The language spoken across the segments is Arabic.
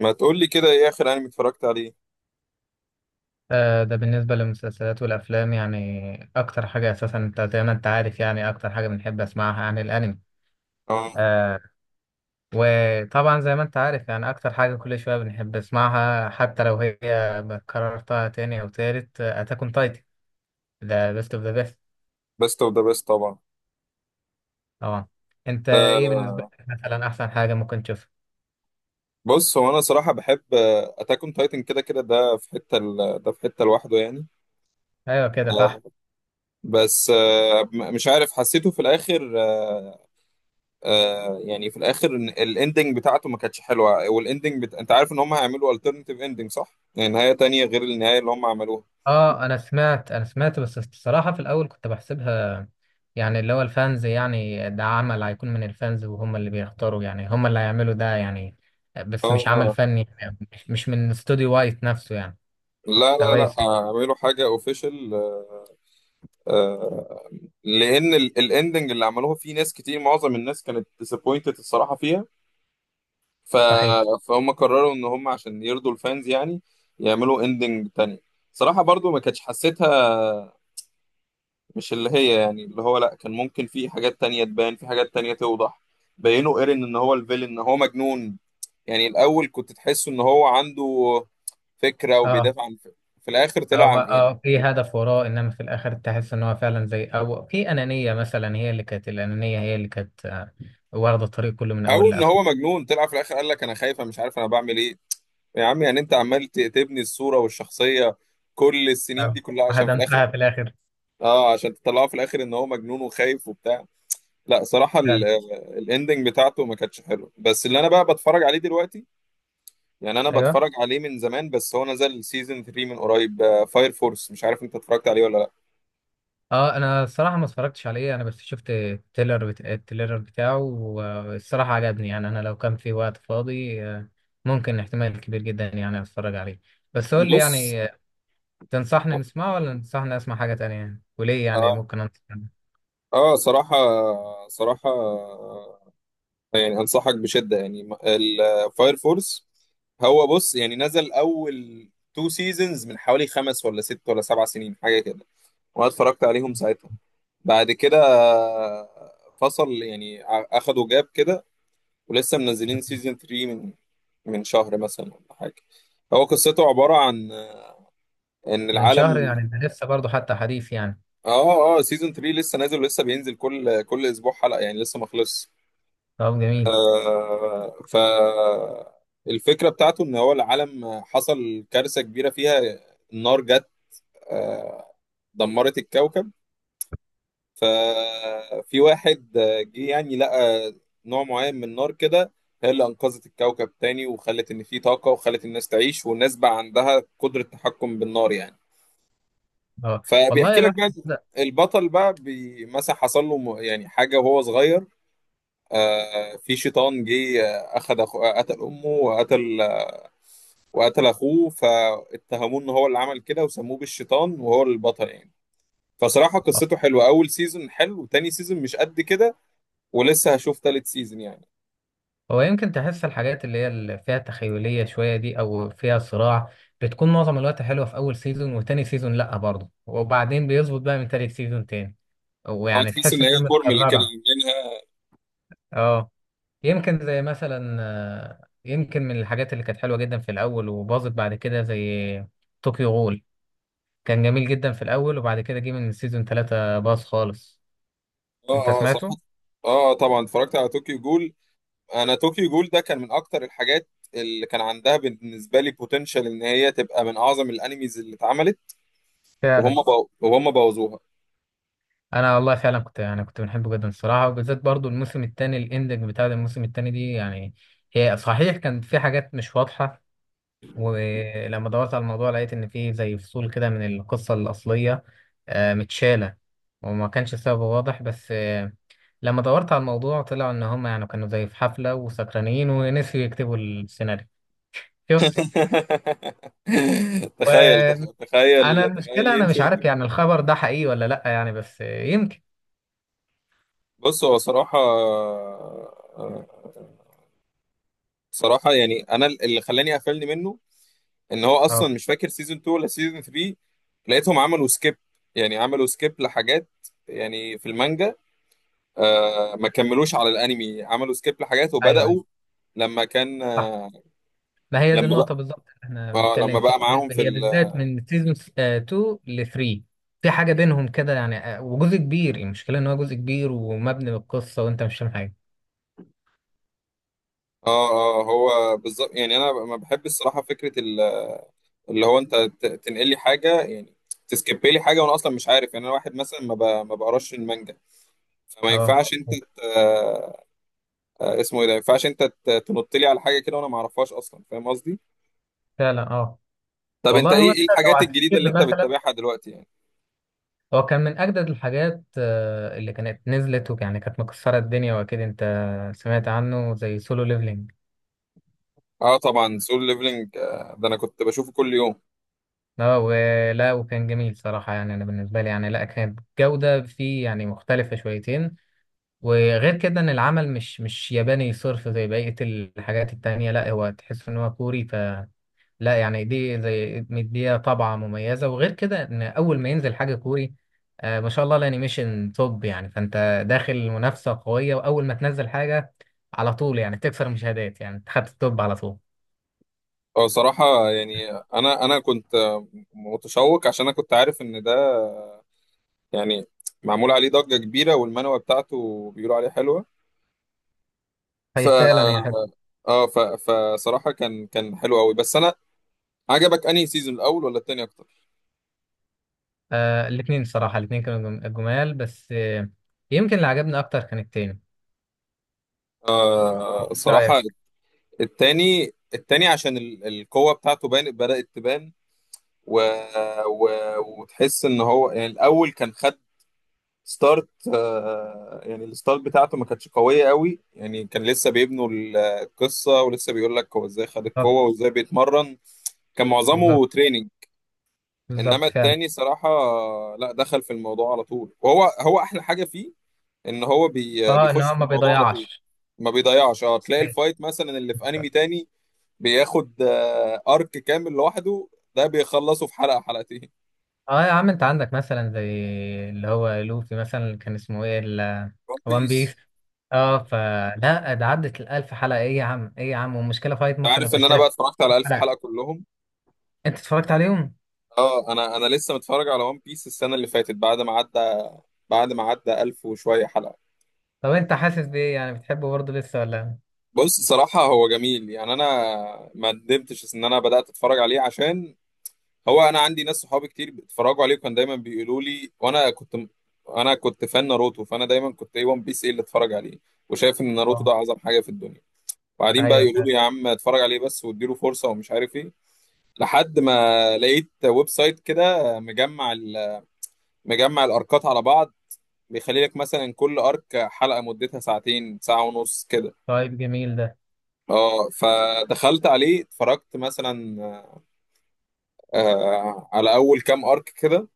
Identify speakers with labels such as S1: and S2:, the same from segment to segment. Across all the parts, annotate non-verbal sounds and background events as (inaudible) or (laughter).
S1: ما تقول لي كده، ايه اخر انمي اتفرجت عليه؟
S2: آه، ده بالنسبة للمسلسلات والأفلام يعني أكتر حاجة أساسا، أنت زي ما أنت عارف، يعني أكتر حاجة بنحب أسمعها يعني الأنمي.
S1: اه،
S2: آه. وطبعا زي ما أنت عارف، يعني أكتر حاجة كل شوية بنحب أسمعها حتى لو هي كررتها تاني أو تالت، أتاك أون تايتن، ده بيست أوف ذا بيست.
S1: بيست اوف ذا بيست طبعا.
S2: طبعا. أنت إيه
S1: آه،
S2: بالنسبة لك مثلا أحسن حاجة ممكن تشوفها؟
S1: بص، هو انا صراحه بحب اتاك اون تايتن، كده كده ده في حته. ده في حته لوحده يعني.
S2: أيوه كده
S1: آه،
S2: صح.
S1: بس، مش عارف، حسيته في الاخر. يعني في الاخر إن الاندنج بتاعته ما كانتش حلوه. انت عارف ان هم هيعملوا الترناتيف اندنج، صح؟ يعني نهايه تانية غير النهايه اللي هم عملوها.
S2: اه، انا سمعت بس الصراحه في الاول كنت بحسبها، يعني اللي هو الفانز، يعني ده عمل هيكون من الفانز وهم اللي بيختاروا، يعني هم اللي هيعملوا ده يعني، بس مش عمل
S1: اه،
S2: فني يعني مش من استوديو وايت نفسه يعني،
S1: لا
S2: او
S1: لا
S2: اي
S1: لا،
S2: استوديو.
S1: اعملوا حاجة اوفيشال. لان الاندنج اللي عملوها فيه ناس كتير، معظم الناس كانت disappointed الصراحه فيها. ف...
S2: صحيح.
S1: فهم قرروا ان هم عشان يرضوا الفانز يعني يعملوا اندنج تانية. صراحه برضو ما كانتش حسيتها. مش اللي هي، يعني اللي هو، لا، كان ممكن في حاجات تانية تبان، في حاجات تانية توضح. بينوا ايرين ان هو الفيلن، ان هو مجنون. يعني الاول كنت تحسه ان هو عنده فكره
S2: اه
S1: وبيدافع عن. في الاخر طلع
S2: اه.
S1: عن يعني.
S2: اه في هدف وراه، انما في الاخر تحس ان هو فعلا زي او في انانيه مثلا، هي اللي كانت الانانيه هي اللي كانت، واخده الطريق كله من
S1: او
S2: اول
S1: ان هو
S2: لاخره.
S1: مجنون، طلع في الاخر قال لك: انا خايف، أنا مش عارف انا بعمل ايه. يا عم يعني، انت عمال تبني الصورة والشخصية كل السنين
S2: آه،
S1: دي كلها عشان في الاخر.
S2: وهدمتها في الاخر.
S1: اه، عشان تطلعه في الاخر ان هو مجنون وخايف وبتاع. لا صراحة،
S2: فعلا.
S1: الاندنج بتاعته ما كانتش حلوه. بس اللي انا بقى بتفرج عليه دلوقتي، يعني انا
S2: ايوه.
S1: بتفرج عليه من زمان، بس هو نزل سيزون 3 من قريب. فاير فورس، مش عارف انت اتفرجت عليه ولا لا.
S2: اه انا الصراحه ما اتفرجتش عليه، انا بس شفت التيلر بتاعه والصراحه عجبني يعني، انا لو كان في وقت فاضي ممكن احتمال كبير جدا يعني اتفرج عليه. بس قول لي
S1: بص،
S2: يعني، تنصحني نسمعه ولا تنصحني اسمع حاجه تانية يعني، وليه يعني
S1: اه
S2: ممكن انصح.
S1: اه، صراحة، صراحة يعني انصحك بشده، يعني الفاير فورس. هو بص، يعني نزل اول تو سيزونز من حوالي خمس ولا ست ولا سبع سنين حاجه كده، وانا اتفرجت عليهم ساعتها. بعد كده فصل يعني، اخدوا جاب كده. ولسه منزلين سيزون 3 من شهر مثلا ولا حاجه. هو قصته عباره عن ان
S2: من شهر
S1: العالم.
S2: يعني؟ ده لسه برضه حتى حديث يعني.
S1: اه اه، سيزون 3 لسه نازل ولسه بينزل كل اسبوع حلقه يعني، لسه ما خلصش.
S2: طب جميل.
S1: آه، ف الفكرة بتاعته ان هو العالم حصل كارثة كبيرة فيها. النار جت، آه، دمرت الكوكب. ففي واحد جه يعني لقى نوع معين من النار كده، هي اللي انقذت الكوكب تاني وخلت ان في طاقة وخلت الناس تعيش، والناس بقى عندها قدرة تحكم بالنار يعني.
S2: اه والله
S1: فبيحكي لك
S2: الواحد
S1: بقى.
S2: بدأ.
S1: البطل بقى مثلا حصل له يعني حاجة وهو صغير. في شيطان جه، قتل امه وقتل اخوه، فاتهموه ان هو اللي عمل كده وسموه بالشيطان، وهو البطل يعني. فصراحة قصته حلوة. اول سيزون حلو، تاني سيزون مش قد كده، ولسه هشوف تالت سيزون يعني.
S2: هو يمكن تحس الحاجات اللي هي اللي فيها تخيلية شوية دي أو فيها صراع بتكون معظم الوقت حلوة في أول سيزون وتاني سيزون لأ برضه، وبعدين بيظبط بقى من تالت سيزون تاني،
S1: اه،
S2: ويعني
S1: تحس
S2: تحس
S1: ان
S2: إنها
S1: هي كورمل كده
S2: متكررة.
S1: عاملينها.
S2: اه. يمكن زي مثلا، يمكن من الحاجات اللي كانت حلوة جدا في الأول وباظت بعد كده زي طوكيو غول. كان جميل جدا في الأول وبعد كده جه من سيزون تلاتة باظ خالص. أنت
S1: اه اه، صراحة.
S2: سمعته؟
S1: اه طبعا، اتفرجت على طوكيو جول. انا طوكيو جول ده كان من اكتر الحاجات اللي كان عندها بالنسبة لي بوتنشال ان هي تبقى من اعظم الانميز اللي اتعملت.
S2: فعلا.
S1: وهم بوظوها.
S2: انا والله فعلا كنت، يعني كنت بنحبه جدا الصراحه، وبالذات برضو الموسم الثاني، الاندنج بتاع الموسم الثاني دي يعني. هي صحيح كان في حاجات مش واضحه، ولما دورت على الموضوع لقيت ان في زي فصول كده من القصه الاصليه متشاله، وما كانش السبب واضح، بس لما دورت على الموضوع طلع ان هم يعني كانوا زي في حفله وسكرانين ونسيوا يكتبوا السيناريو. شوف.
S1: (laughs) تخيل،
S2: وانا
S1: تخيل، تخيل
S2: المشكله انا مش
S1: ينسوا!
S2: عارف يعني الخبر ده حقيقي ولا لا يعني، بس يمكن.
S1: بص، هو صراحة صراحة يعني، أنا اللي خلاني قفلني منه إن هو أصلا
S2: اه.
S1: مش فاكر سيزون 2 ولا سيزون 3. لقيتهم عملوا سكيب، يعني عملوا سكيب لحاجات، يعني في المانجا ما كملوش على الأنمي، عملوا سكيب لحاجات
S2: ايوه ايوه.
S1: وبدأوا. لما كان
S2: صح.
S1: آه،
S2: ما هي دي
S1: لما بقى
S2: النقطة بالظبط اللي احنا
S1: اه
S2: بنتكلم
S1: لما
S2: فيها،
S1: بقى معاهم في
S2: هي
S1: ال،
S2: بالذات من سيزون 2 ل 3، في حاجة بينهم كده يعني، وجزء كبير المشكلة ان هو جزء كبير ومبني بالقصة وانت مش فاهم حاجة.
S1: اه اه. هو بالظبط يعني، انا ما بحب الصراحه فكره اللي هو انت تنقل لي حاجه، يعني تسكيب لي حاجه وانا اصلا مش عارف. يعني انا واحد مثلا ما بقراش المانجا. فما
S2: اه
S1: ينفعش انت ت... اسمه ايه ده، ما ينفعش انت تنط لي على حاجه كده وانا ما اعرفهاش اصلا، فاهم قصدي؟
S2: فعلا. اه
S1: طب انت،
S2: والله. هو انت
S1: ايه
S2: لو
S1: الحاجات الجديده
S2: هتسكيب
S1: اللي انت
S2: مثلا،
S1: بتتابعها دلوقتي يعني؟
S2: هو كان من اجدد الحاجات اللي كانت نزلت ويعني كانت مكسرة الدنيا، واكيد انت سمعت عنه زي سولو ليفلينج.
S1: اه طبعا، سول ليفلنج ده انا كنت بشوفه كل يوم.
S2: اه ولا. وكان جميل صراحة يعني، انا بالنسبة لي يعني لا كانت جودة فيه يعني مختلفة شويتين، وغير كده ان العمل مش ياباني صرف زي بقية الحاجات التانية، لا هو تحس ان هو كوري فلا يعني، دي زي مديها طبعة مميزة. وغير كده ان اول ما ينزل حاجة كوري، آه ما شاء الله الانيميشن توب يعني، فانت داخل منافسة قوية، واول ما تنزل حاجة على طول يعني تكسر مشاهدات يعني تحت التوب على طول.
S1: هو صراحه يعني، انا كنت متشوق عشان انا كنت عارف ان ده يعني معمول عليه ضجه كبيره والمانوا بتاعته بيقولوا عليه حلوه. ف
S2: هي فعلا هي حلوة.
S1: فصراحه كان حلو قوي، بس انا. عجبك انهي سيزون، الاول ولا التاني اكتر؟
S2: آه الاتنين الصراحة، الاتنين كانوا جمال بس آه. يمكن اللي عجبني اكتر كان التاني. رأيك؟
S1: صراحة، التاني عشان القوة بتاعته بان، بدأت تبان. و... و... وتحس ان هو يعني الاول كان خد ستارت. يعني الستارت بتاعته ما كانتش قوية قوي يعني، كان لسه بيبنوا القصة ولسه بيقول لك هو ازاي خد
S2: بالظبط
S1: القوة وازاي بيتمرن. كان
S2: بالظبط
S1: معظمه تريننج.
S2: بالظبط
S1: انما
S2: فعلا.
S1: التاني صراحة، لا، دخل في الموضوع على طول، وهو هو احلى حاجة فيه ان هو
S2: اه ان
S1: بيخش
S2: هو
S1: في
S2: ما
S1: الموضوع على طول.
S2: بيضيعش.
S1: ما بيضيعش. اه، تلاقي
S2: صحيح.
S1: الفايت مثلا اللي في انمي تاني بياخد ارك كامل لوحده، ده بيخلصه في حلقه حلقتين.
S2: اه يا عم، انت عندك مثلا زي اللي هو لوفي مثلا، اللي كان اسمه ايه
S1: ون
S2: وان
S1: بيس،
S2: بيس. اه فلا ده عدت الألف حلقة، ايه يا عم ايه يا عم، والمشكلة فايت ممكن
S1: عارف ان
S2: يخش
S1: انا بقى
S2: لك
S1: اتفرجت
S2: في
S1: على الف
S2: حلقة.
S1: حلقه كلهم.
S2: انت اتفرجت عليهم؟
S1: اه، انا لسه متفرج على ون بيس السنه اللي فاتت بعد ما عدى، الف وشويه حلقه.
S2: طب انت حاسس بايه، يعني بتحبه برضه لسه ولا؟
S1: بص صراحه، هو جميل يعني، انا ما ندمتش ان انا بدات اتفرج عليه، عشان هو انا عندي ناس صحابي كتير بيتفرجوا عليه وكان دايما بيقولوا لي. وانا كنت انا كنت فان ناروتو، فانا دايما كنت: ايه ون بيس، ايه اللي اتفرج عليه، وشايف ان ناروتو
S2: اه.
S1: ده اعظم حاجه في الدنيا. وبعدين بقى
S2: ايوه
S1: يقولوا لي:
S2: فعلا.
S1: يا عم اتفرج عليه بس، واديله فرصه ومش عارف ايه. لحد ما لقيت ويب سايت كده مجمع مجمع الاركات على بعض، بيخلي لك مثلا كل ارك حلقه مدتها ساعتين، ساعه ونص كده.
S2: طيب جميل ده.
S1: اه، فدخلت عليه، اتفرجت مثلا على اول كام ارك كده.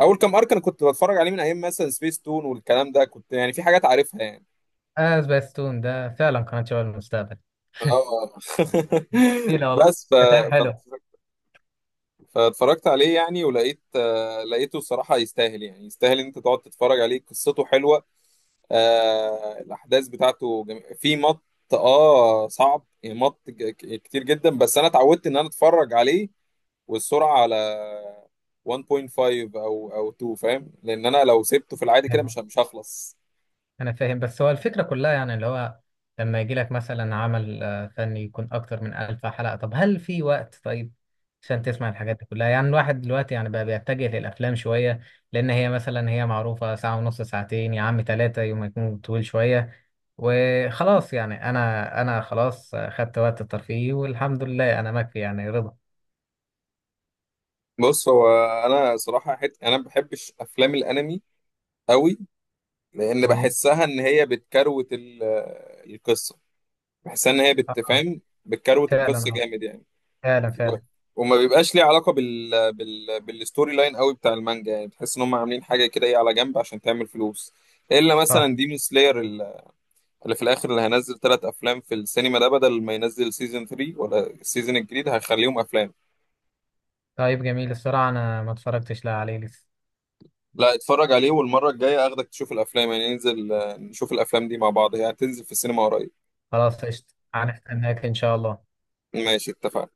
S1: اول كام ارك انا كنت بتفرج عليه من ايام مثلا سبيس تون والكلام ده، كنت يعني في حاجات عارفها يعني.
S2: اه سبيستون ده فعلا قناة شباب المستقبل.
S1: اه. (laughs)
S2: ايه لا والله،
S1: بس. ف...
S2: كتاب حلو.
S1: فاتفرجت عليه يعني، ولقيت لقيته الصراحة يستاهل، يعني يستاهل ان انت تقعد تتفرج عليه، قصته حلوة. الاحداث بتاعته جم... في مط اه، صعب يعني، كتير جدا، بس انا اتعودت ان انا اتفرج عليه والسرعة على 1.5 او 2، فاهم، لان انا لو سبته في العادي كده مش هخلص.
S2: انا فاهم، بس هو الفكره كلها يعني اللي هو لما يجي لك مثلا عمل فني يكون اكتر من ألف حلقه، طب هل في وقت طيب عشان تسمع الحاجات دي كلها يعني، الواحد دلوقتي يعني بقى بيتجه للافلام شويه، لان هي مثلا هي معروفه ساعه ونص ساعتين يا عم ثلاثه يوم، ما يكون طويل شويه وخلاص يعني، انا خلاص خدت وقت الترفيه والحمد لله انا مكفي يعني رضا.
S1: بص، هو انا صراحة انا ما بحبش افلام الانمي قوي، لان
S2: جميل.
S1: بحسها ان هي بتكروت القصة، بحسها ان هي
S2: اه
S1: بتفهم، بتكروت
S2: فعلا.
S1: القصه
S2: اه
S1: جامد يعني.
S2: فعلا
S1: و-
S2: فعلا.
S1: وما بيبقاش ليه علاقه بالستوري لاين قوي بتاع المانجا، يعني بتحس ان هم عاملين حاجه كده ايه على جنب عشان تعمل فلوس. الا
S2: اه.
S1: مثلا ديمون سلاير، اللي في الاخر اللي هينزل ثلاث افلام في السينما، ده بدل ما ينزل سيزون 3 ولا السيزون الجديد هيخليهم افلام.
S2: طيب جميل الصراحه انا ما اتفرجتش لا عليه لسه.
S1: لا، اتفرج عليه، والمره الجايه اخدك تشوف الافلام، يعني ننزل نشوف الافلام دي مع بعض، هي يعني هتنزل في السينما قريب.
S2: خلاص قشطة. هنستناك إن شاء الله.
S1: ماشي، اتفقنا.